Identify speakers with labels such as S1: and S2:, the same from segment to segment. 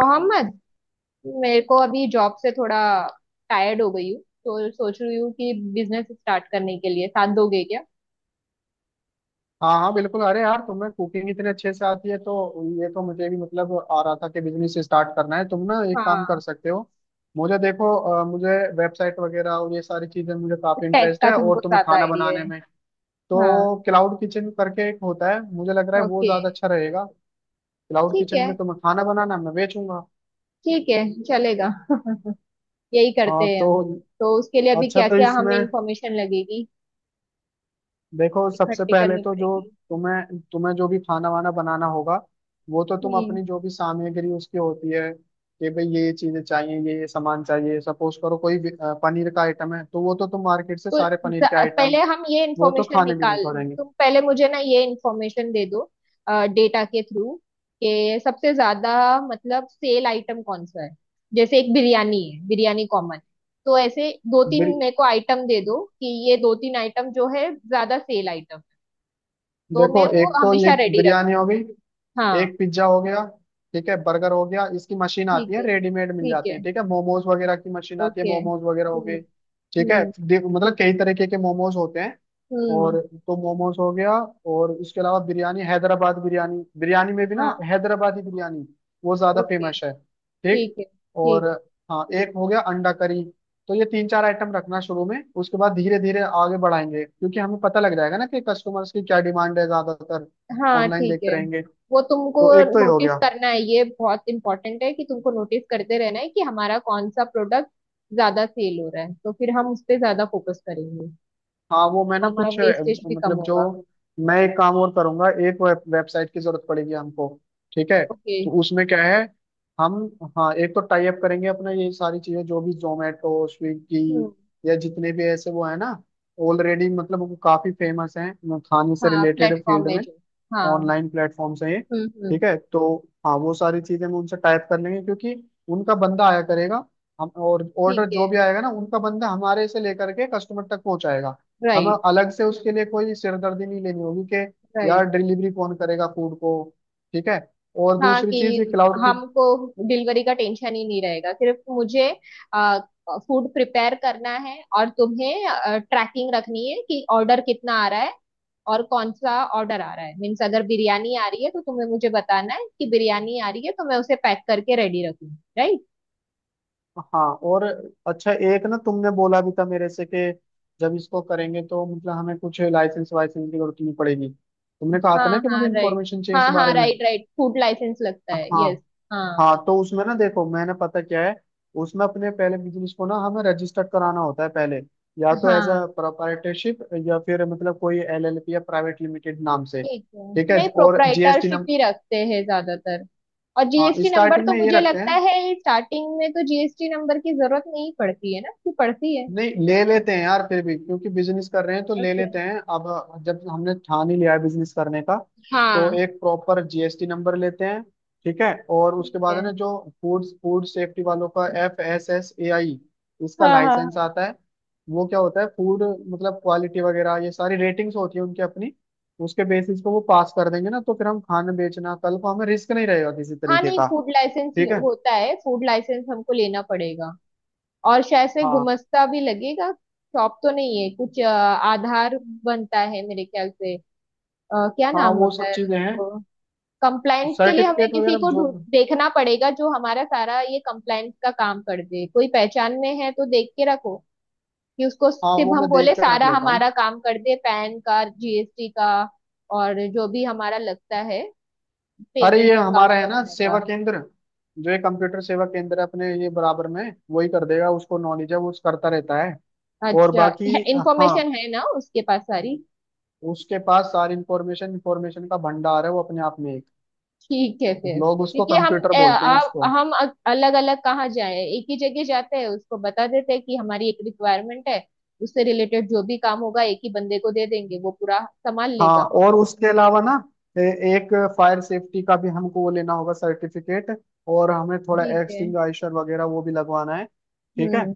S1: मोहम्मद, मेरे को अभी जॉब से थोड़ा टायर्ड हो गई हूँ तो सोच रही हूँ कि बिजनेस स्टार्ट करने के लिए साथ दोगे क्या।
S2: हाँ हाँ बिल्कुल। अरे यार, तुम्हें कुकिंग इतने अच्छे से आती है तो ये तो मुझे भी मतलब आ रहा था कि बिजनेस स्टार्ट करना है। तुम ना एक काम कर
S1: हाँ।
S2: सकते हो। मुझे देखो, मुझे वेबसाइट वगैरह और ये सारी चीजें मुझे काफी
S1: टेक
S2: इंटरेस्ट
S1: का
S2: है और
S1: तुमको
S2: तुम्हें
S1: ज्यादा
S2: खाना
S1: आइडिया
S2: बनाने
S1: है।
S2: में।
S1: हाँ।
S2: तो क्लाउड किचन करके एक होता है, मुझे लग रहा है वो
S1: ओके।
S2: ज्यादा अच्छा रहेगा। क्लाउड
S1: ठीक
S2: किचन
S1: है।
S2: में तुम्हें खाना बनाना, मैं बेचूंगा।
S1: ठीक है। चलेगा यही करते
S2: हाँ
S1: हैं
S2: तो
S1: हम। तो उसके लिए अभी
S2: अच्छा,
S1: क्या
S2: तो
S1: क्या हमें
S2: इसमें
S1: इंफॉर्मेशन लगेगी,
S2: देखो, सबसे
S1: इकट्ठी
S2: पहले
S1: करनी
S2: तो जो
S1: पड़ेगी।
S2: तुम्हें तुम्हें जो भी खाना वाना बनाना होगा वो तो तुम
S1: हम्म।
S2: अपनी जो भी सामग्री उसकी होती है कि भाई ये चीजें चाहिए, ये सामान चाहिए। सपोज करो कोई भी, पनीर का आइटम है तो वो तो तुम मार्केट से
S1: तो
S2: सारे पनीर के आइटम,
S1: पहले हम ये
S2: वो तो
S1: इंफॉर्मेशन
S2: खाने भी नहीं
S1: निकाल।
S2: पड़ेंगे।
S1: तुम पहले मुझे ना ये इंफॉर्मेशन दे दो, डेटा के थ्रू, कि सबसे ज्यादा मतलब सेल आइटम कौन सा है। जैसे एक बिरयानी है, बिरयानी कॉमन। तो ऐसे दो तीन
S2: बिर-
S1: मेरे को आइटम दे दो कि ये दो तीन आइटम जो है ज्यादा सेल आइटम, तो
S2: देखो,
S1: मैं वो
S2: एक तो ये
S1: हमेशा रेडी रख
S2: बिरयानी हो गई,
S1: हाँ,
S2: एक पिज्जा हो गया, ठीक है बर्गर हो गया, इसकी मशीन आती
S1: ठीक
S2: है
S1: है।
S2: रेडीमेड मिल
S1: ठीक
S2: जाते
S1: है।
S2: हैं। ठीक है, मोमोज वगैरह की मशीन आती है,
S1: ओके।
S2: मोमोज वगैरह हो
S1: हम्म।
S2: गए। ठीक है,
S1: हम्म।
S2: मतलब कई तरीके के मोमोज होते हैं।
S1: हम्म।
S2: और तो मोमोज हो गया। और इसके अलावा बिरयानी, हैदराबाद बिरयानी, बिरयानी में भी
S1: हाँ।
S2: ना हैदराबादी बिरयानी वो ज्यादा
S1: ओके।
S2: फेमस है। ठीक।
S1: ठीक है।
S2: और
S1: ठीक।
S2: हाँ, एक हो गया अंडा करी। तो ये तीन चार आइटम रखना शुरू में, उसके बाद धीरे धीरे आगे बढ़ाएंगे क्योंकि हमें पता लग जाएगा ना कि कस्टमर्स की क्या डिमांड है ज्यादातर।
S1: हाँ,
S2: ऑनलाइन
S1: ठीक
S2: देखते
S1: है।
S2: रहेंगे।
S1: वो तुमको
S2: तो एक तो ये हो
S1: नोटिस
S2: गया।
S1: करना है, ये बहुत इम्पोर्टेंट है कि तुमको नोटिस करते रहना है कि हमारा कौन सा प्रोडक्ट ज्यादा सेल हो रहा है, तो फिर हम उस पे ज्यादा फोकस करेंगे
S2: हाँ, वो मैं
S1: तो
S2: ना
S1: हमारा
S2: कुछ
S1: वेस्टेज भी कम
S2: मतलब जो,
S1: होगा।
S2: मैं एक काम और करूंगा, एक वेबसाइट की जरूरत पड़ेगी हमको। ठीक है,
S1: ओके।
S2: तो उसमें क्या है, हम हाँ एक तो टाई अप करेंगे अपना, ये सारी चीजें जो भी जोमेटो स्विगी
S1: हम्म।
S2: या जितने भी ऐसे वो है ना, ऑलरेडी मतलब वो काफी फेमस हैं खाने से
S1: हाँ,
S2: रिलेटेड फील्ड
S1: प्लेटफॉर्म है
S2: में।
S1: जो। हाँ।
S2: ऑनलाइन प्लेटफॉर्म्स हैं ये।
S1: हम्म।
S2: ठीक
S1: हम्म।
S2: है, तो हाँ वो सारी चीजें हम उनसे टाइप कर लेंगे क्योंकि उनका बंदा आया करेगा। हम और
S1: ठीक
S2: ऑर्डर
S1: है।
S2: जो भी आएगा ना, उनका बंदा हमारे से लेकर के कस्टमर तक पहुंचाएगा। हमें
S1: राइट।
S2: अलग से उसके लिए कोई सिरदर्दी नहीं लेनी होगी कि यार
S1: राइट।
S2: डिलीवरी कौन करेगा फूड को। ठीक है। और
S1: हाँ,
S2: दूसरी चीज ये
S1: कि
S2: क्लाउड की।
S1: हमको डिलीवरी का टेंशन ही नहीं रहेगा। सिर्फ मुझे फूड प्रिपेयर करना है और तुम्हें ट्रैकिंग रखनी है कि ऑर्डर कितना आ रहा है और कौन सा ऑर्डर आ रहा है। मीन्स अगर बिरयानी आ रही है तो तुम्हें मुझे बताना है कि बिरयानी आ रही है, तो मैं उसे पैक करके रेडी रखूँ। राइट।
S2: हाँ और अच्छा, एक ना तुमने बोला भी था मेरे से कि जब इसको करेंगे तो मतलब हमें कुछ लाइसेंस वाइसेंस की जरूरत नहीं पड़ेगी। तुमने कहा था ना
S1: हाँ
S2: कि मुझे
S1: हाँ, राइट।
S2: इन्फॉर्मेशन चाहिए इस
S1: हाँ हाँ,
S2: बारे में।
S1: Right right. फूड लाइसेंस लगता है,
S2: हाँ
S1: यस। हाँ।
S2: हाँ, तो उसमें ना देखो, मैंने पता क्या है, उसमें अपने पहले बिजनेस को ना हमें रजिस्टर कराना होता है पहले, या तो एज
S1: हाँ,
S2: अ प्रोप्राइटरशिप या फिर मतलब कोई LLP या प्राइवेट लिमिटेड नाम से।
S1: ठीक है।
S2: ठीक है,
S1: नहीं,
S2: और GST
S1: प्रोप्राइटरशिप
S2: नंबर।
S1: ही रखते हैं ज्यादातर। और
S2: हाँ,
S1: जीएसटी नंबर
S2: स्टार्टिंग
S1: तो
S2: में ये
S1: मुझे
S2: रखते
S1: लगता
S2: हैं,
S1: है स्टार्टिंग में तो जीएसटी नंबर की जरूरत नहीं पड़ती है, ना कि पड़ती है।
S2: नहीं ले लेते हैं यार फिर भी क्योंकि बिजनेस कर रहे हैं तो ले
S1: ओके।
S2: लेते हैं अब, जब हमने ठान ही लिया है बिजनेस करने का, तो
S1: हाँ।
S2: एक प्रॉपर GST नंबर लेते हैं। ठीक है, और
S1: ठीक
S2: उसके बाद
S1: है।
S2: है ना जो फूड फूड सेफ्टी वालों का FSSAI, इसका
S1: हाँ हाँ
S2: लाइसेंस
S1: हाँ।
S2: आता है। वो क्या होता है, फूड मतलब क्वालिटी वगैरह, ये सारी रेटिंग्स होती है उनकी अपनी। उसके बेसिस पे वो पास कर देंगे ना तो फिर हम खाना बेचना, कल को हमें रिस्क नहीं रहेगा किसी
S1: हाँ,
S2: तरीके
S1: नहीं
S2: का।
S1: फूड लाइसेंस
S2: ठीक है।
S1: होता है, फूड लाइसेंस हमको लेना पड़ेगा। और शायद से
S2: हाँ
S1: गुमस्ता भी लगेगा, शॉप तो नहीं है। कुछ आधार बनता है मेरे ख्याल से। क्या
S2: हाँ,
S1: नाम
S2: वो
S1: होता
S2: सब
S1: है
S2: चीजें हैं
S1: उसको। कंप्लाइंस के लिए हमें
S2: सर्टिफिकेट
S1: किसी
S2: वगैरह
S1: को
S2: जो।
S1: ढूंढ देखना पड़ेगा जो हमारा सारा ये कंप्लाइंस का काम कर दे। कोई पहचान में है तो देख के रखो कि उसको
S2: हाँ
S1: सिर्फ
S2: वो
S1: हम
S2: मैं
S1: बोले,
S2: देख कर रख
S1: सारा
S2: लेता हूँ।
S1: हमारा काम कर दे पैन का, जीएसटी का और जो भी हमारा लगता है,
S2: अरे ये
S1: पेमेंट
S2: हमारा
S1: अकाउंट
S2: है ना
S1: वगैरह
S2: सेवा
S1: का।
S2: केंद्र, जो ये कंप्यूटर सेवा केंद्र है अपने ये बराबर में, वही कर देगा। उसको नॉलेज है, वो उस करता रहता है। और
S1: अच्छा,
S2: बाकी हाँ,
S1: इंफॉर्मेशन है ना उसके पास सारी।
S2: उसके पास सारी इंफॉर्मेशन, इंफॉर्मेशन का भंडार है वो अपने आप में एक।
S1: ठीक है। फिर
S2: लोग उसको
S1: क्योंकि हम
S2: कंप्यूटर
S1: अ,
S2: बोलते हैं उसको।
S1: आ, हम अलग अलग कहाँ जाए, एक ही जगह जाते हैं, उसको बता देते हैं कि हमारी एक रिक्वायरमेंट है। उससे रिलेटेड जो भी काम होगा एक ही बंदे को दे देंगे, वो पूरा संभाल
S2: हाँ
S1: लेगा।
S2: और उसके अलावा ना, ए- एक फायर सेफ्टी का भी हमको वो लेना होगा सर्टिफिकेट, और हमें थोड़ा
S1: ठीक है।
S2: एक्सटिंग्विशर वगैरह वो भी लगवाना है। ठीक है।
S1: हम्म।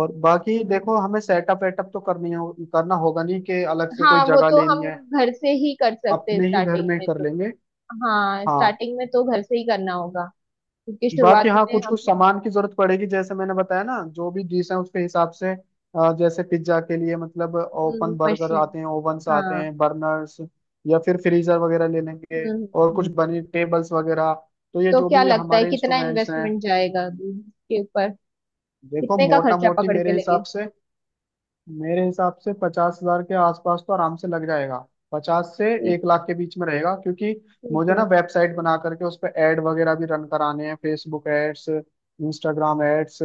S2: और बाकी देखो, हमें सेटअप वेटअप तो करनी हो करना होगा, नहीं कि अलग से कोई
S1: हाँ, वो
S2: जगह
S1: तो
S2: लेनी
S1: हम
S2: है,
S1: घर से ही कर सकते हैं
S2: अपने ही घर
S1: स्टार्टिंग
S2: में
S1: में
S2: कर
S1: तो।
S2: लेंगे।
S1: हाँ,
S2: हाँ,
S1: स्टार्टिंग में तो घर से ही करना होगा क्योंकि
S2: बाकी
S1: शुरुआत
S2: हाँ
S1: में
S2: कुछ
S1: हम...
S2: कुछ सामान की जरूरत पड़ेगी, जैसे मैंने बताया ना जो भी डिश है उसके हिसाब से, जैसे पिज्जा के लिए मतलब ओपन, बर्गर
S1: मशीन।
S2: आते हैं, ओवन्स आते
S1: हाँ।
S2: हैं, बर्नर्स या फिर फ्रीजर वगैरह ले
S1: हम्म।
S2: लेंगे।
S1: हम्म।
S2: और कुछ
S1: हम्म।
S2: बनी टेबल्स वगैरह, तो ये
S1: तो
S2: जो
S1: क्या
S2: भी
S1: लगता है
S2: हमारे
S1: कितना
S2: इंस्ट्रूमेंट्स हैं।
S1: इन्वेस्टमेंट जाएगा इसके ऊपर,
S2: देखो
S1: कितने का
S2: मोटा
S1: खर्चा
S2: मोटी
S1: पकड़ के
S2: मेरे
S1: लगे।
S2: हिसाब से, मेरे हिसाब से 50,000 के आसपास तो आराम से लग जाएगा, पचास से एक
S1: ठीक है।
S2: लाख के बीच में रहेगा क्योंकि
S1: ठीक
S2: मुझे
S1: है।
S2: ना वेबसाइट बना करके उस पर एड वगैरह भी रन कराने हैं, फेसबुक एड्स, इंस्टाग्राम एड्स,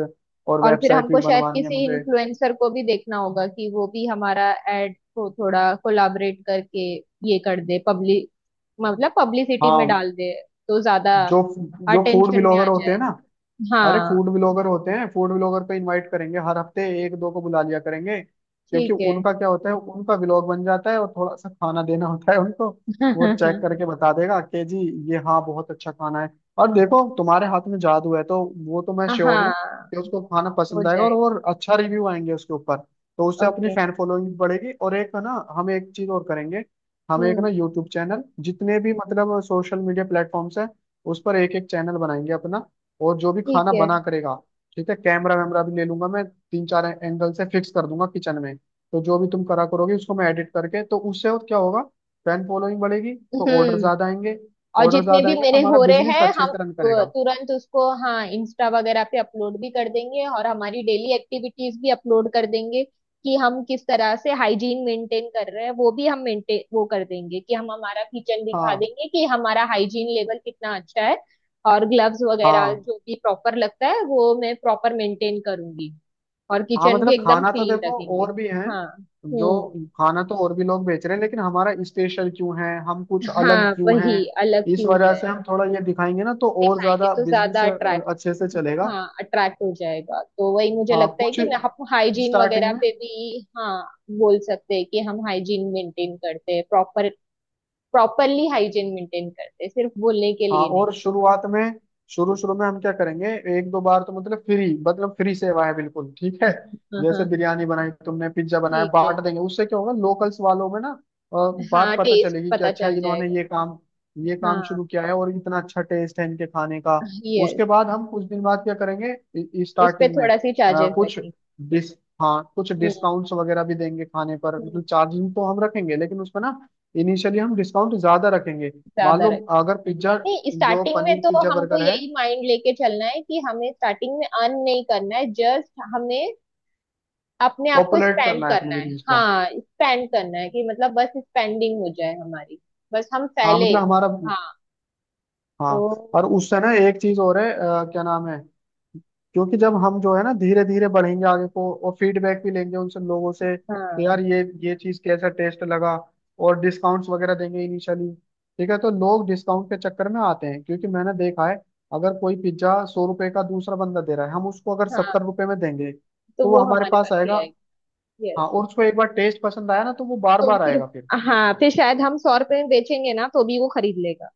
S2: और
S1: और फिर
S2: वेबसाइट भी
S1: हमको शायद
S2: बनवानी है
S1: किसी
S2: मुझे।
S1: इन्फ्लुएंसर को भी देखना होगा कि वो भी हमारा एड को थोड़ा कोलाबरेट करके ये कर दे, पब्लिक मतलब पब्लिसिटी में
S2: हाँ,
S1: डाल दे तो ज्यादा
S2: जो जो फूड
S1: अटेंशन में
S2: ब्लॉगर
S1: आ
S2: होते
S1: जाए।
S2: हैं ना, अरे
S1: हाँ।
S2: फूड ब्लॉगर होते हैं, फूड ब्लॉगर को इनवाइट करेंगे, हर हफ्ते एक दो को बुला लिया करेंगे क्योंकि
S1: ठीक है।
S2: उनका क्या होता है उनका व्लॉग बन जाता है और थोड़ा सा खाना देना होता है उनको। वो चेक करके बता देगा कि जी ये हाँ बहुत अच्छा खाना है। और देखो तुम्हारे हाथ में जादू है तो वो तो मैं श्योर हूँ
S1: हाँ,
S2: कि उसको खाना
S1: हो
S2: पसंद आएगा,
S1: जाएगा।
S2: और अच्छा रिव्यू आएंगे उसके ऊपर, तो उससे अपनी
S1: ओके।
S2: फैन फॉलोइंग भी बढ़ेगी। और एक है ना, हम एक चीज और करेंगे। हम एक
S1: हम्म।
S2: ना यूट्यूब चैनल, जितने भी मतलब सोशल मीडिया प्लेटफॉर्म्स है, उस पर एक एक चैनल बनाएंगे अपना, और जो भी
S1: ठीक
S2: खाना
S1: है।
S2: बना करेगा, ठीक है कैमरा वैमरा भी ले लूंगा मैं, तीन चार एंगल से फिक्स कर दूंगा किचन में, तो जो भी तुम करा करोगे उसको मैं एडिट करके, तो उससे और क्या होगा, फैन फॉलोइंग बढ़ेगी तो ऑर्डर
S1: हम्म।
S2: ज्यादा आएंगे।
S1: और
S2: ऑर्डर
S1: जितने
S2: ज्यादा
S1: भी
S2: आएंगे तो
S1: मेरे
S2: हमारा
S1: हो रहे
S2: बिजनेस
S1: हैं
S2: अच्छे
S1: हम
S2: से रन करेगा।
S1: तुरंत उसको, हाँ, इंस्टा वगैरह पे अपलोड भी कर देंगे और हमारी डेली एक्टिविटीज भी अपलोड कर देंगे कि हम किस तरह से हाइजीन मेंटेन कर रहे हैं। वो भी हम मेंटेन वो कर देंगे कि हम हमारा किचन दिखा
S2: हाँ
S1: देंगे कि हमारा हाइजीन लेवल कितना अच्छा है। और ग्लव्स वगैरह
S2: हाँ
S1: जो भी प्रॉपर लगता है वो मैं प्रॉपर मेंटेन करूंगी और
S2: हाँ,
S1: किचन भी
S2: मतलब
S1: एकदम
S2: खाना तो
S1: क्लीन
S2: देखो
S1: रखेंगे।
S2: और भी है
S1: हाँ।
S2: जो,
S1: हम्म।
S2: खाना तो और भी लोग बेच रहे हैं लेकिन हमारा स्पेशल क्यों है, हम कुछ अलग
S1: हाँ,
S2: क्यों हैं,
S1: वही, अलग
S2: इस
S1: क्यों
S2: वजह
S1: है।
S2: से हम थोड़ा ये दिखाएंगे ना तो और
S1: दिखाएंगे
S2: ज्यादा
S1: तो
S2: बिजनेस
S1: ज्यादा अट्रैक्ट।
S2: अच्छे से चलेगा।
S1: हाँ, अट्रैक्ट हो जाएगा तो वही मुझे
S2: हाँ
S1: लगता है
S2: कुछ
S1: कि हम हाइजीन
S2: स्टार्टिंग
S1: वगैरह
S2: में।
S1: पे भी, हाँ, बोल सकते हैं कि हम हाइजीन मेंटेन करते हैं, प्रॉपर, प्रॉपरली हाइजीन मेंटेन करते हैं, सिर्फ बोलने के
S2: हाँ
S1: लिए नहीं।
S2: और शुरुआत में, शुरू शुरू में हम क्या करेंगे, एक दो बार तो मतलब फ्री, मतलब फ्री सेवा है बिल्कुल, ठीक है,
S1: हाँ हाँ
S2: जैसे
S1: हाँ,
S2: बिरयानी बनाई तुमने, पिज्जा बनाया,
S1: ठीक है।
S2: बांट देंगे, उससे क्या होगा लोकल्स वालों में ना अ, बात
S1: हाँ,
S2: पता
S1: टेस्ट
S2: चलेगी कि
S1: पता
S2: अच्छा
S1: चल
S2: इन्होंने
S1: जाएगा।
S2: ये काम
S1: हाँ,
S2: शुरू किया है और इतना अच्छा टेस्ट है इनके खाने का।
S1: यस।
S2: उसके बाद हम कुछ दिन बाद क्या करेंगे,
S1: उस पे
S2: स्टार्टिंग में अ,
S1: थोड़ा सी चार्जेस
S2: कुछ
S1: लगेंगे।
S2: डिस हाँ कुछ
S1: हम्म।
S2: डिस्काउंट्स वगैरह भी देंगे खाने पर,
S1: हम्म,
S2: मतलब चार्जिंग तो हम रखेंगे लेकिन उसमें ना इनिशियली हम डिस्काउंट ज्यादा रखेंगे। मान
S1: ज्यादा।
S2: लो अगर पिज्जा,
S1: नहीं,
S2: जो
S1: स्टार्टिंग में
S2: पनीर
S1: तो
S2: पिज्जा
S1: हमको
S2: बर्गर है,
S1: यही माइंड लेके चलना है कि हमें स्टार्टिंग में अर्न नहीं करना है, जस्ट हमें अपने आप को
S2: पॉपुलेट
S1: स्पेंड
S2: करना है अपने
S1: करना है।
S2: बिजनेस को।
S1: हाँ, स्पेंड करना है, कि मतलब बस स्पेंडिंग हो जाए हमारी, बस हम
S2: हाँ
S1: फैले।
S2: मतलब हमारा।
S1: हाँ।
S2: हाँ
S1: तो,
S2: और उससे ना एक चीज और है, क्या नाम है, क्योंकि जब हम जो है ना, धीरे धीरे बढ़ेंगे आगे को और फीडबैक भी लेंगे उनसे लोगों से कि
S1: हाँ।
S2: यार ये चीज कैसा टेस्ट लगा, और डिस्काउंट्स वगैरह देंगे इनिशियली। ठीक है, तो लोग डिस्काउंट के चक्कर में आते हैं क्योंकि मैंने देखा है, अगर कोई पिज्जा 100 रुपए का दूसरा बंदा दे रहा है, हम उसको अगर सत्तर
S1: हाँ,
S2: रुपए में देंगे
S1: तो
S2: तो वो
S1: वो
S2: हमारे
S1: हमारे
S2: पास
S1: पास ही
S2: आएगा।
S1: आएगी।
S2: हाँ,
S1: यस।
S2: और उसको एक बार टेस्ट पसंद आया ना तो वो बार
S1: तो
S2: बार
S1: फिर,
S2: आएगा फिर।
S1: हाँ, फिर शायद हम सौ रुपए में बेचेंगे ना तो भी वो खरीद लेगा,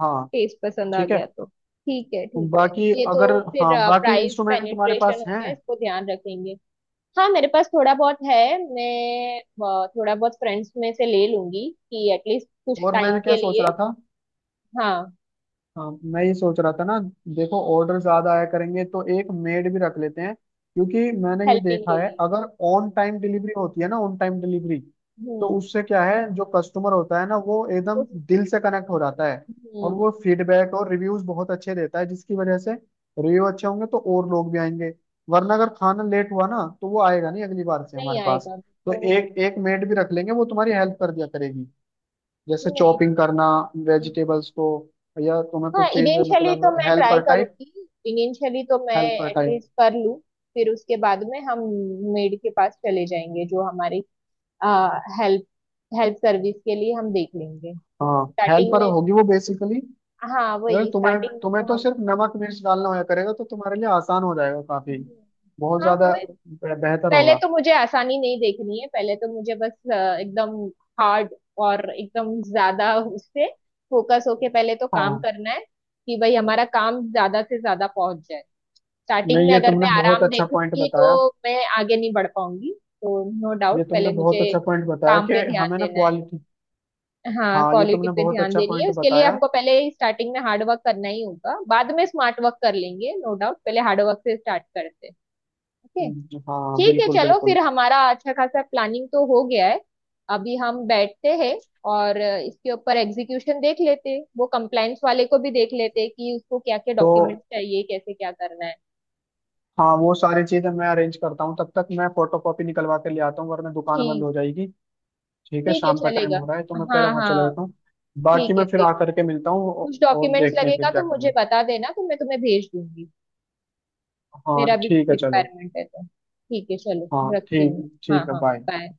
S2: हाँ
S1: टेस्ट पसंद आ
S2: ठीक है,
S1: गया तो। ठीक है। ठीक है,
S2: बाकी
S1: ये तो।
S2: अगर
S1: फिर
S2: हाँ बाकी
S1: प्राइस
S2: इंस्ट्रूमेंट तुम्हारे
S1: पेनिट्रेशन
S2: पास
S1: हो
S2: हैं।
S1: गया, इसको ध्यान रखेंगे। हाँ, मेरे पास थोड़ा बहुत है। मैं थोड़ा बहुत फ्रेंड्स में से ले लूंगी कि एटलीस्ट कुछ
S2: और
S1: टाइम
S2: मैं क्या
S1: के
S2: सोच
S1: लिए।
S2: रहा था,
S1: हाँ,
S2: हाँ मैं ये सोच रहा था ना, देखो ऑर्डर ज्यादा आया करेंगे तो एक मेड भी रख लेते हैं क्योंकि मैंने ये
S1: हेल्पिंग
S2: देखा
S1: के
S2: है
S1: लिए।
S2: अगर ऑन टाइम डिलीवरी होती है ना, ऑन टाइम डिलीवरी, तो
S1: हम्म।
S2: उससे क्या है, जो कस्टमर होता है ना वो एकदम
S1: उस-
S2: दिल से कनेक्ट हो जाता है और
S1: हम्म।
S2: वो फीडबैक और रिव्यूज बहुत अच्छे देता है, जिसकी वजह से रिव्यू अच्छे होंगे तो और लोग भी आएंगे, वरना अगर खाना लेट हुआ ना तो वो आएगा नहीं अगली बार से
S1: नहीं
S2: हमारे पास।
S1: आएगा
S2: तो
S1: तो।
S2: एक एक मेड भी रख लेंगे वो तुम्हारी हेल्प कर दिया करेगी, जैसे
S1: नहीं,
S2: चॉपिंग
S1: ठीक
S2: करना
S1: है।
S2: वेजिटेबल्स को, या तुम्हें
S1: हाँ,
S2: कुछ चीज
S1: इनिशियली
S2: मतलब
S1: तो मैं ट्राई
S2: हेल्पर टाइप,
S1: करूंगी, इनिशियली तो मैं
S2: हेल्पर टाइप,
S1: एटलीस्ट कर लूँ। फिर उसके बाद में हम मेड के पास चले जाएंगे जो हमारी हेल्प, हेल्प सर्विस के लिए हम देख लेंगे
S2: हाँ
S1: स्टार्टिंग
S2: हेल्पर
S1: में।
S2: होगी वो बेसिकली।
S1: हाँ,
S2: अगर
S1: वही
S2: तुम्हें
S1: स्टार्टिंग में
S2: तुम्हें
S1: तो
S2: तो
S1: हम।
S2: सिर्फ नमक मिर्च डालना होया करेगा तो तुम्हारे लिए आसान हो जाएगा काफी,
S1: हम्म,
S2: बहुत
S1: हाँ,
S2: ज्यादा
S1: वो
S2: बेहतर
S1: पहले
S2: होगा।
S1: तो मुझे आसानी नहीं देखनी है, पहले तो मुझे बस एकदम हार्ड और एकदम ज्यादा उससे फोकस होके पहले तो काम
S2: हाँ
S1: करना है कि भाई हमारा काम ज्यादा से ज्यादा पहुंच जाए। स्टार्टिंग
S2: नहीं,
S1: में
S2: ये
S1: अगर मैं
S2: तुमने बहुत
S1: आराम
S2: अच्छा पॉइंट
S1: देखूंगी तो
S2: बताया।
S1: मैं आगे नहीं बढ़ पाऊंगी। तो नो
S2: ये
S1: डाउट,
S2: तुमने
S1: पहले
S2: बहुत
S1: मुझे
S2: अच्छा पॉइंट बताया
S1: काम
S2: कि
S1: पे ध्यान
S2: हमें ना
S1: देना है।
S2: क्वालिटी।
S1: हाँ,
S2: हाँ ये
S1: क्वालिटी
S2: तुमने
S1: पे
S2: बहुत
S1: ध्यान
S2: अच्छा
S1: देनी है,
S2: पॉइंट
S1: उसके लिए
S2: बताया।
S1: हमको पहले स्टार्टिंग में हार्ड वर्क करना ही होगा, बाद में स्मार्ट वर्क कर लेंगे। नो डाउट, पहले हार्ड वर्क से स्टार्ट करते हैं। ओके।
S2: हाँ
S1: ठीक है,
S2: बिल्कुल
S1: चलो फिर
S2: बिल्कुल।
S1: हमारा अच्छा खासा प्लानिंग तो हो गया है। अभी हम बैठते हैं और इसके ऊपर एग्जीक्यूशन देख लेते हैं। वो कंप्लायंस वाले को भी देख लेते हैं कि उसको क्या क्या
S2: तो
S1: डॉक्यूमेंट्स चाहिए, कैसे क्या करना है।
S2: हाँ वो सारी चीजें मैं अरेंज करता हूँ, तब तक मैं फोटो कॉपी निकलवा के ले आता हूँ वरना दुकान बंद
S1: ठीक।
S2: हो जाएगी। ठीक है,
S1: ठीक है,
S2: शाम का टाइम
S1: चलेगा।
S2: हो रहा है तो मैं
S1: हाँ
S2: पहले वहां चला
S1: हाँ।
S2: जाता हूँ, बाकी
S1: ठीक है,
S2: मैं फिर
S1: देख लो।
S2: आकर के मिलता हूँ
S1: कुछ
S2: और
S1: डॉक्यूमेंट्स
S2: देखते हैं
S1: लगेगा
S2: फिर क्या
S1: तो
S2: करना
S1: मुझे
S2: है।
S1: बता देना तो मैं तुम्हें भेज दूंगी।
S2: हाँ
S1: मेरा भी कुछ
S2: ठीक है चलो।
S1: रिक्वायरमेंट है तो ठीक है, चलो,
S2: हाँ
S1: रखती
S2: ठीक।
S1: हूँ। हाँ
S2: ठीक है,
S1: हाँ।
S2: बाय।
S1: बाय।